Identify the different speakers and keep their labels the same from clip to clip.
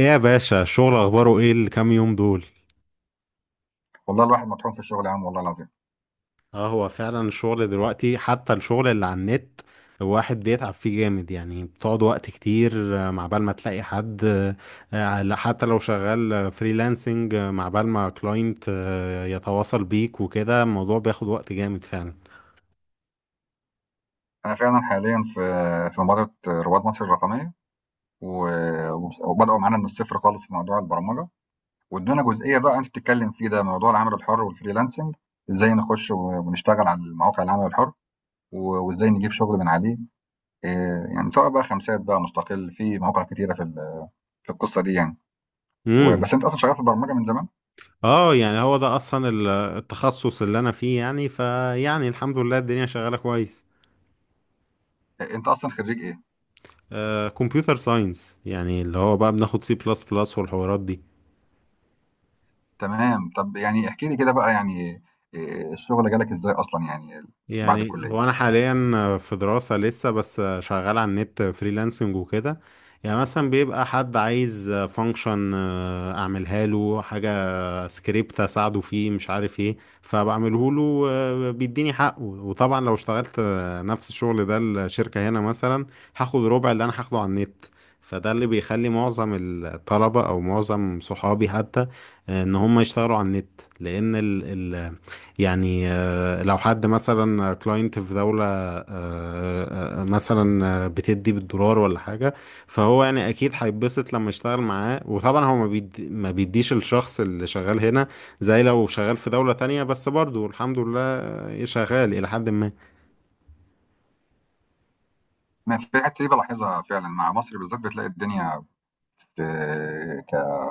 Speaker 1: ايه يا باشا، الشغل اخباره ايه الكام يوم دول؟
Speaker 2: والله الواحد مطحون في الشغل يا عم، والله العظيم.
Speaker 1: اه، هو فعلا الشغل دلوقتي، حتى الشغل اللي على النت الواحد بيتعب فيه جامد، يعني بتقعد وقت كتير. مع بال ما تلاقي حد لا، حتى لو شغال فريلانسنج، مع بال ما كلاينت يتواصل بيك وكده، الموضوع بياخد وقت جامد فعلا.
Speaker 2: انا فعلا حاليا في مبادره رواد مصر الرقميه، و- وبداوا معانا من الصفر خالص في موضوع البرمجه. وادونا جزئيه بقى انت بتتكلم فيه، ده موضوع العمل الحر والفريلانسنج، ازاي نخش ونشتغل على المواقع العمل الحر، وازاي نجيب شغل من عليه. إيه يعني، سواء بقى خمسات بقى مستقل، في مواقع كتيره في القصه دي يعني.
Speaker 1: امم.
Speaker 2: بس انت اصلا شغال في البرمجه من زمان.
Speaker 1: اه، يعني هو ده اصلا التخصص اللي انا فيه، يعني الحمد لله الدنيا شغالة كويس.
Speaker 2: إيه، انت اصلا خريج ايه؟
Speaker 1: كمبيوتر ساينس، يعني اللي هو بقى بناخد C++ والحوارات دي.
Speaker 2: تمام، طب يعني احكي لي كده بقى يعني، إيه، الشغل جالك ازاي اصلا يعني، بعد
Speaker 1: يعني
Speaker 2: الكليه.
Speaker 1: هو انا حاليا في دراسة لسه، بس شغال على النت فريلانسنج وكده. يعني مثلا بيبقى حد عايز فانكشن اعملها له، حاجة سكريبت اساعده فيه مش عارف ايه، فبعمله له بيديني حقه. وطبعا لو اشتغلت نفس الشغل ده الشركة هنا مثلا، هاخد ربع اللي انا هاخده على النت. فده اللي بيخلي معظم الطلبة او معظم صحابي حتى ان هم يشتغلوا على النت، لان ال ال يعني لو حد مثلا كلاينت في دولة مثلا بتدي بالدولار ولا حاجة، فهو يعني اكيد هيتبسط لما يشتغل معاه. وطبعا هو ما بيديش الشخص اللي شغال هنا، زي لو شغال في دولة تانية، بس برضه الحمد لله شغال الى حد ما.
Speaker 2: ما في الحته دي بلاحظها فعلا مع مصر بالذات، بتلاقي الدنيا في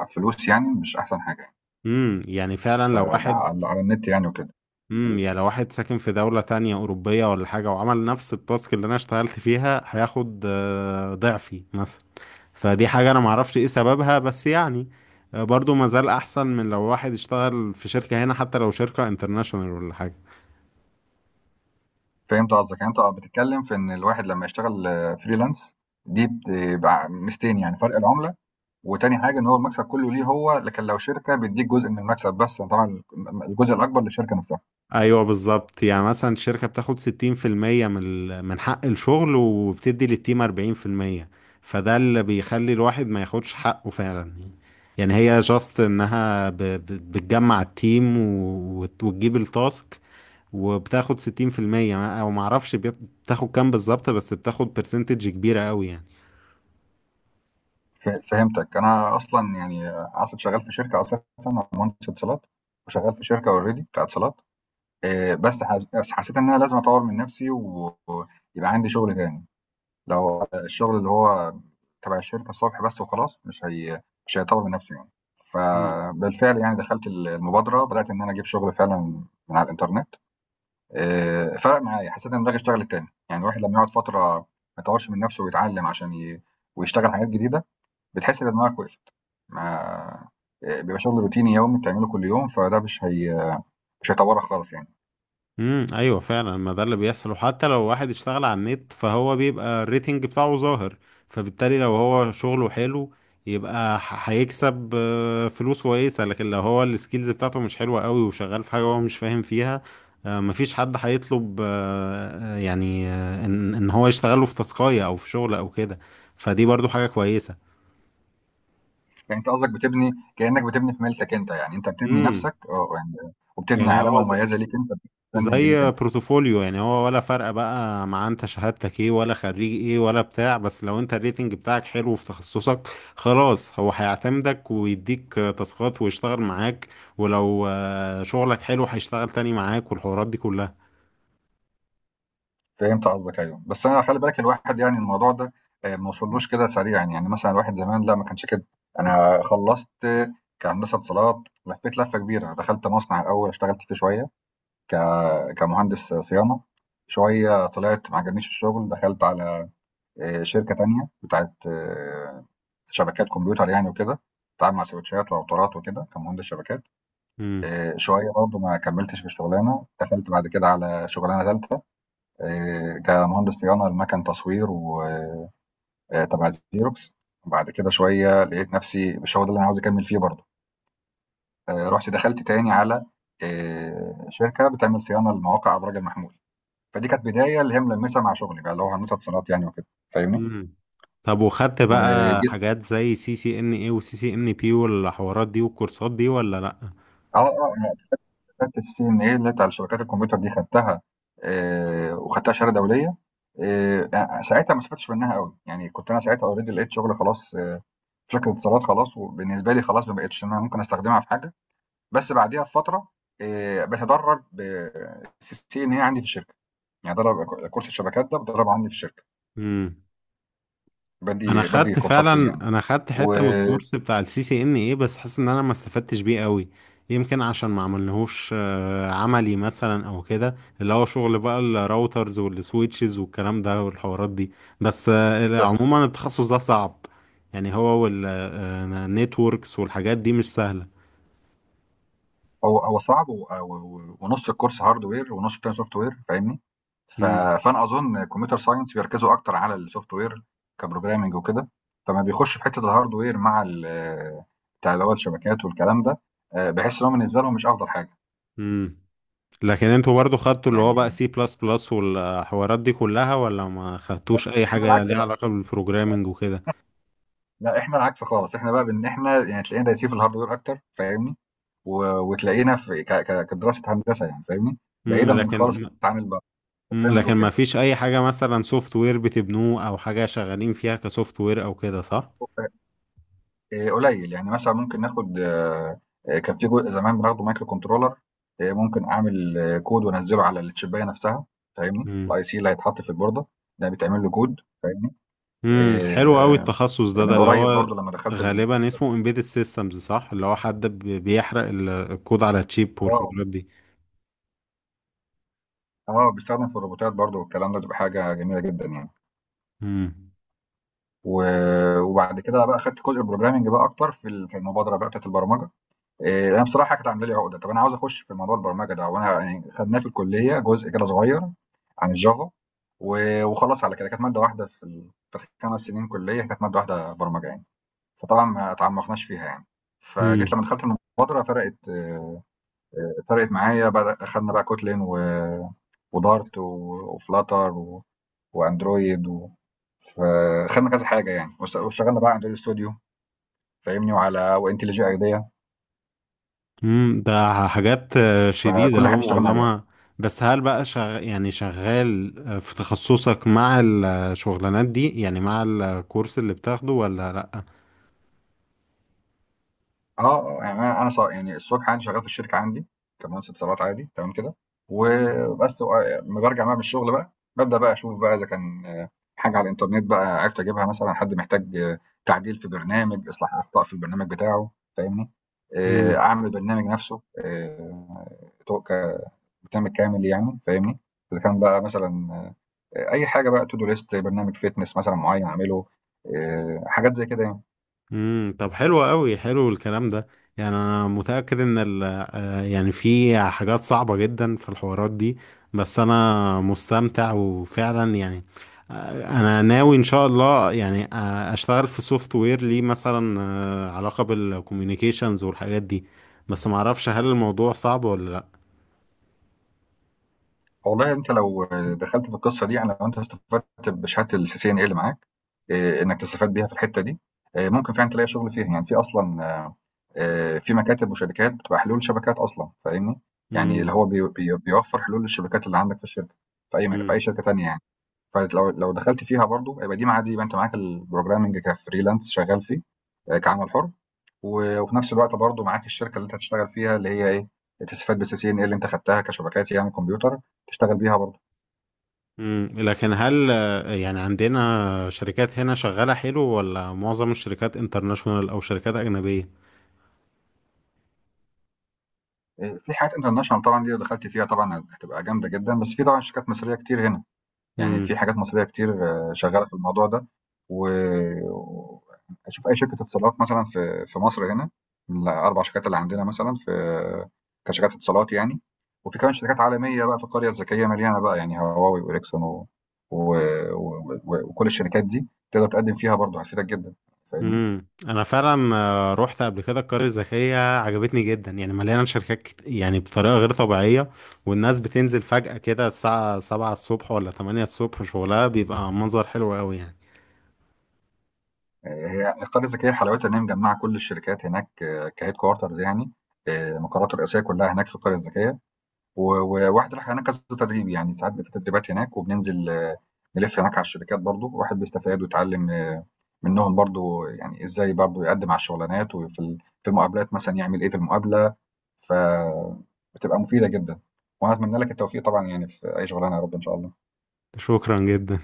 Speaker 2: كفلوس يعني، مش احسن حاجه يعني.
Speaker 1: امم. يعني فعلا
Speaker 2: ف
Speaker 1: لو واحد...
Speaker 2: على النت يعني وكده.
Speaker 1: امم. يعني لو واحد ساكن في دولة تانية أوروبية ولا حاجة، وعمل نفس التاسك اللي أنا اشتغلت فيها، هياخد ضعفي مثلا. فدي حاجة أنا معرفش إيه سببها، بس يعني برضو مازال أحسن من لو واحد اشتغل في شركة هنا، حتى لو شركة انترناشونال ولا حاجة.
Speaker 2: فهمت قصدك، يعني انت بتتكلم في ان الواحد لما يشتغل فريلانس، دي بتبقى ميزتين، يعني فرق العمله، وتاني حاجه ان هو المكسب كله ليه هو، لكن لو شركه بيديك جزء من المكسب بس يعني، طبعا الجزء الاكبر للشركه نفسها.
Speaker 1: ايوه بالظبط. يعني مثلا الشركه بتاخد 60% من حق الشغل، وبتدي للتيم 40%. فده اللي بيخلي الواحد ما ياخدش حقه فعلا. يعني هي جاست انها بتجمع التيم وتجيب التاسك، وبتاخد 60%، او ما اعرفش بتاخد كام بالظبط، بس بتاخد برسنتج كبيره قوي.
Speaker 2: فهمتك، انا اصلا يعني اصلا شغال في شركه اساسا. أنا مهندس اتصالات، وشغال في شركه اوريدي بتاعت اتصالات. بس حسيت ان انا لازم اطور من نفسي، ويبقى عندي شغل تاني. لو الشغل اللي هو تبع الشركه الصبح بس وخلاص، مش هيطور من نفسي يعني.
Speaker 1: يعني
Speaker 2: فبالفعل يعني دخلت المبادره، بدات ان انا اجيب شغل فعلا من على الانترنت. فرق معايا، حسيت ان دماغي اشتغلت تاني، يعني الواحد لما يقعد فتره ما يطورش من نفسه ويتعلم عشان ويشتغل حاجات جديده، بتحس ان دماغك وقفت. ما بيبقى شغل روتيني يومي بتعمله كل يوم، فده مش هيطورك خالص يعني.
Speaker 1: ايوه، فعلا ما ده اللي بيحصل. وحتى لو واحد اشتغل على النت، فهو بيبقى الريتنج بتاعه ظاهر، فبالتالي لو هو شغله حلو يبقى هيكسب فلوس كويسه. لكن لو هو السكيلز بتاعته مش حلوه قوي، وشغال في حاجه هو مش فاهم فيها، مفيش حد هيطلب ان هو يشتغله في تاسكايه او في شغل او كده. فدي برضو حاجه كويسه.
Speaker 2: يعني أنت قصدك بتبني، كأنك بتبني في ملكك أنت، يعني أنت بتبني
Speaker 1: امم.
Speaker 2: نَفْسك، يعني وبتبني
Speaker 1: يعني هو
Speaker 2: علامة مميزة ليك أنت، براندنج ليك
Speaker 1: زي
Speaker 2: أنت.
Speaker 1: بروتوفوليو، يعني هو ولا فرق بقى مع انت شهادتك ايه، ولا خريج ايه، ولا بتاع، بس لو انت الريتنج بتاعك حلو في تخصصك، خلاص هو هيعتمدك ويديك تاسكات ويشتغل معاك. ولو شغلك حلو، هيشتغل تاني معاك والحوارات دي كلها.
Speaker 2: فهمت قصدك، أيوه، بس أنا خلّي بالك، الواحد يعني، الموضوع ده ما وصلّوش كده سريعًا، يعني مثلًا الواحد زمان لأ، ما كانش كده. أنا خلّصت كهندسة اتصالات، لفّيت لَفّة كبيرة، دخلت مصنع الأول، اشتغلت فيه شوية ك كمهندس صيانة. شوية طلعت ما عجبنيش الشغل، دخلت على شركة تانية بتاعة شبكات كمبيوتر يعني وكده، باتعامل مع سويتشات وراوترات وكده كمهندس شبكات.
Speaker 1: امم.
Speaker 2: شوية برضه ما كمّلتش في الشغلانة، دخلت بعد كده على شغلانة تالتة، كمهندس صيانة لمَكَن تصوير، و تبع Xerox. وبعد كده شوية لقيت نَفْسي مش هو ده اللي أنا عاوز أكمّل فيه برضه. رُحت دخلت تاني على شركة بتعمل صيانة لمواقع أبراج المحمول. فدي كانت بداية اللي هي ملمّسة مع شغلي بقى، اللي هو هندسة صالات يعني وكده، فاهمني؟
Speaker 1: امم. طب، وخدت بقى
Speaker 2: وجيت.
Speaker 1: حاجات زي CCNA، وسي سي ان بي، والحوارات دي والكورسات دي ولا لا؟
Speaker 2: آه، آه. شهادة الCNA اللي هي بتاع شبكات الكمبيوتر دي خدتها، وخدتها شهادة دولية. أ ساعتها ما استفدتش منها أوي، يعني كنت أنا ساعتها already لقيت شغل خلاص، في شركة اتصالات خلاص، وبالنسبة لي خلاص ما بقتش إن أنا ممكن أستخدمها في حاجة. بس بعديها بفترة باتدرب في الCNA عندي في الشركة، يعني باتدرب كورس الشبكات ده باتدربه عندي في الشركة،
Speaker 1: امم. انا
Speaker 2: بادّي
Speaker 1: خدت
Speaker 2: كورسات
Speaker 1: فعلا
Speaker 2: فيه يعني.
Speaker 1: انا خدت حته من
Speaker 2: إمم.
Speaker 1: الكورس بتاع الCCNA، بس حاسس ان انا ما استفدتش بيه قوي. يمكن عشان ما عملناهوش عملي مثلا او كده، اللي هو شغل بقى الراوترز والسويتشز والكلام ده والحوارات دي. بس
Speaker 2: وبس.
Speaker 1: عموما التخصص ده صعب. يعني هو والنتوركس والحاجات دي مش سهله.
Speaker 2: هو صعب ونص الكورس هاردوير ونص التاني سوفت وير، فاهمني؟ ف-
Speaker 1: امم.
Speaker 2: فانا اظن كمبيوتر ساينس بيركزوا اكتر على السوفت وير كبروجرامنج وكده، فما بيخش في حته الهاردوير بتاع اللي هو الشبكات والكلام ده. بحس ان هو بالنسبه لهم مش افضل حاجه
Speaker 1: امم، لكن انتوا برضو خدتوا اللي هو
Speaker 2: يعني.
Speaker 1: بقى C++ والحوارات دي كلها، ولا ما خدتوش اي
Speaker 2: احنا
Speaker 1: حاجه
Speaker 2: العكس
Speaker 1: ليها
Speaker 2: بقى،
Speaker 1: علاقه بالبروجرامنج وكده؟
Speaker 2: لا احنا العكس خالص، احنا بقى بان احنا يعني تلاقينا دايسين في الهاردوير اكتر، فاهمني؟ وتلاقينا في كدراسه هندسه يعني، فاهمني؟
Speaker 1: امم،
Speaker 2: بعيدا خالص
Speaker 1: لكن...
Speaker 2: عن
Speaker 1: مم،
Speaker 2: البروجرامنج
Speaker 1: لكن ما
Speaker 2: وكده.
Speaker 1: فيش اي حاجة مثلا سوفت وير بتبنوه، او حاجة شغالين فيها كسوفت وير او كده صح؟
Speaker 2: قليل يعني، مثلا ممكن ناخد، كان في جزء زمان بناخده مايكرو كنترولر. ممكن اعمل كود وانزله على الشبايه نفسها، فاهمني؟
Speaker 1: امم.
Speaker 2: الاي سي اللي هيتحط في البورده ده بيتعمل له كود، فاهمني؟
Speaker 1: امم، حلو قوي
Speaker 2: آه،
Speaker 1: التخصص ده، ده
Speaker 2: من
Speaker 1: اللي
Speaker 2: قريب برضو
Speaker 1: هو
Speaker 2: لما دخلت
Speaker 1: غالبا اسمه embedded systems صح؟ اللي هو حد بيحرق الكود على تشيب
Speaker 2: اه،
Speaker 1: والحوارات دي.
Speaker 2: اه، بيستخدم في الروبوتات برضو والكلام ده، بتبقى حاجه جميله جدا يعني.
Speaker 1: امم.
Speaker 2: و... وبعد كده بقى خدت جزء البروجرامنج بقى اكتر في المبادره بقى بتاعت البرمجه. انا بصراحه كانت عامله لي عقده، طب انا عاوز اخش في موضوع البرمجه ده، وانا يعني خدناه في الكليه جزء كده صغير عن الجافا، وخلاص على كده كانت ماده واحده في ال5 سنين كليه، كانت ماده واحده برمجه يعني، فطبعا ما تعمقناش فيها يعني. فجيت
Speaker 1: امم.
Speaker 2: لما دخلت المبادره، فرقت معايا، بقى اخدنا بقى كوتلين ودارت وفلاتر واندرويد فخدنا كذا حاجه يعني، واشتغلنا بقى على اندرويد ستوديو، فاهمني؟ وعلى وانتليجي ايديا،
Speaker 1: امم، ده حاجات شديدة
Speaker 2: فكل
Speaker 1: هو
Speaker 2: حاجه اشتغلنا عليها.
Speaker 1: معظمها. بس هل بقى يعني شغال في تخصصك مع الشغلانات دي، يعني مع الكورس اللي بتاخده ولا
Speaker 2: آه، آه، يعني أنا يعني الصبح عندي شغّال في الشركة عندي كمهندس اتصالات عادي تمام كده. وبس، أمّا بارجع بقى من الشغل بقى، بابدأ بقى أشوف بقى إذا كان حاجة على الإنترنت بقى عرفت أجيبها مثلًا، حد محتاج تعديل في برنامج، إصلاح أخطاء في البرنامج بتاعه، فاهمني؟
Speaker 1: لأ؟
Speaker 2: أعمل البرنامج نفسه، تو ك برنامج كامل يعني، فاهمني؟ إذا كان بقى مثلًا، أي حاجة بقى to do list، برنامج fitness مثلًا معيّن أعمله، حاجات زي كده يعني.
Speaker 1: امم، طب حلو قوي، حلو الكلام ده. يعني انا متأكد ان ال آه، يعني في حاجات صعبة جدا في الحوارات دي، بس انا مستمتع وفعلا يعني انا ناوي ان شاء الله، يعني اشتغل في سوفت وير ليه مثلا علاقة بالكوميونيكيشنز والحاجات دي، بس معرفش هل الموضوع صعب ولا لا.
Speaker 2: والله انت لو دخلت في القصه دي، يعني لو انت استفدت بشهاده الCCNA اللي معاك، إيه، انك تستفاد بيها في الحته دي، إيه، ممكن فعلا تلاقي شغل فيها يعني، في اصلا في مكاتب وشركات بتبقى حلول شبكات اصلا، فاهمني؟ يعني
Speaker 1: امم.
Speaker 2: اللي هو بيوفر حلول للشبكات اللي عندك في الشركه، في
Speaker 1: امم.
Speaker 2: اي شركه تانيه يعني. لو دخلت فيها برضو، يبقى دي مع دي، يبقى انت معاك البروجرامنج كفريلانس شغال فيه، كعمل حر، وفي نفس الوقت برضو معاك الشركه اللي انت هتشتغل فيها، اللي هي ايه، تستفاد بالسي سي ان اي اللي انت خدتها كشبكات يعني كمبيوتر، تشتغل بيها برضو.
Speaker 1: امم، لكن هل يعني عندنا شركات هنا شغالة حلو، ولا معظم الشركات انترناشونال او شركات اجنبية؟
Speaker 2: في حاجات international طبعًا، دي لو دخلتِ فيها طبعًا هتبقى جامدة جدًا، بس في طبعًا شركات مصرية كتير هنا، يعني
Speaker 1: امم.
Speaker 2: في حاجات مصرية كتير شغّالة في الموضوع ده. و أشوف أي شركة اتصالات مثلًا في مصر هنا، من ال4 شركات اللي عندنا مثلًا في، كشركات اتصالات يعني، وفي كمان شركات عالمية بقى في القرية الذكية مليانة بقى، يعني هواواي وإريكسون و و و و وكل الشركات دي تقدر تقدّم فيها برضه، هتفيدك جدًا، فاهمني؟
Speaker 1: امم، انا فعلا رحت قبل كده القرية الذكية، عجبتني جدا. يعني مليانة شركات يعني بطريقة غير طبيعية، والناس بتنزل فجأة كده الساعة 7 الصبح ولا 8 الصبح، شغلها بيبقى منظر حلو قوي يعني.
Speaker 2: هي القرية الذكية حلاوتها إن هي مجمعة كل الشركات هناك، كهيد كوارترز يعني، المقرات الرئيسية كلها هناك في القرية الذكية، وواحد راح هناك كذا تدريب يعني، ساعات بيبقى في تدريبات هناك، وبننزل نلف هناك على الشركات، برضو الواحد بيستفاد ويتعلم منهم برضو، يعني إزاي برضو يقدم على الشغلانات، في المقابلات مثلا يعمل إيه في المقابلة، فبتبقى مفيدة جدا. وأنا أتمنى لك التوفيق طبعا يعني في أي شغلانة، يا رب إن شاء الله.
Speaker 1: شكرا جدا.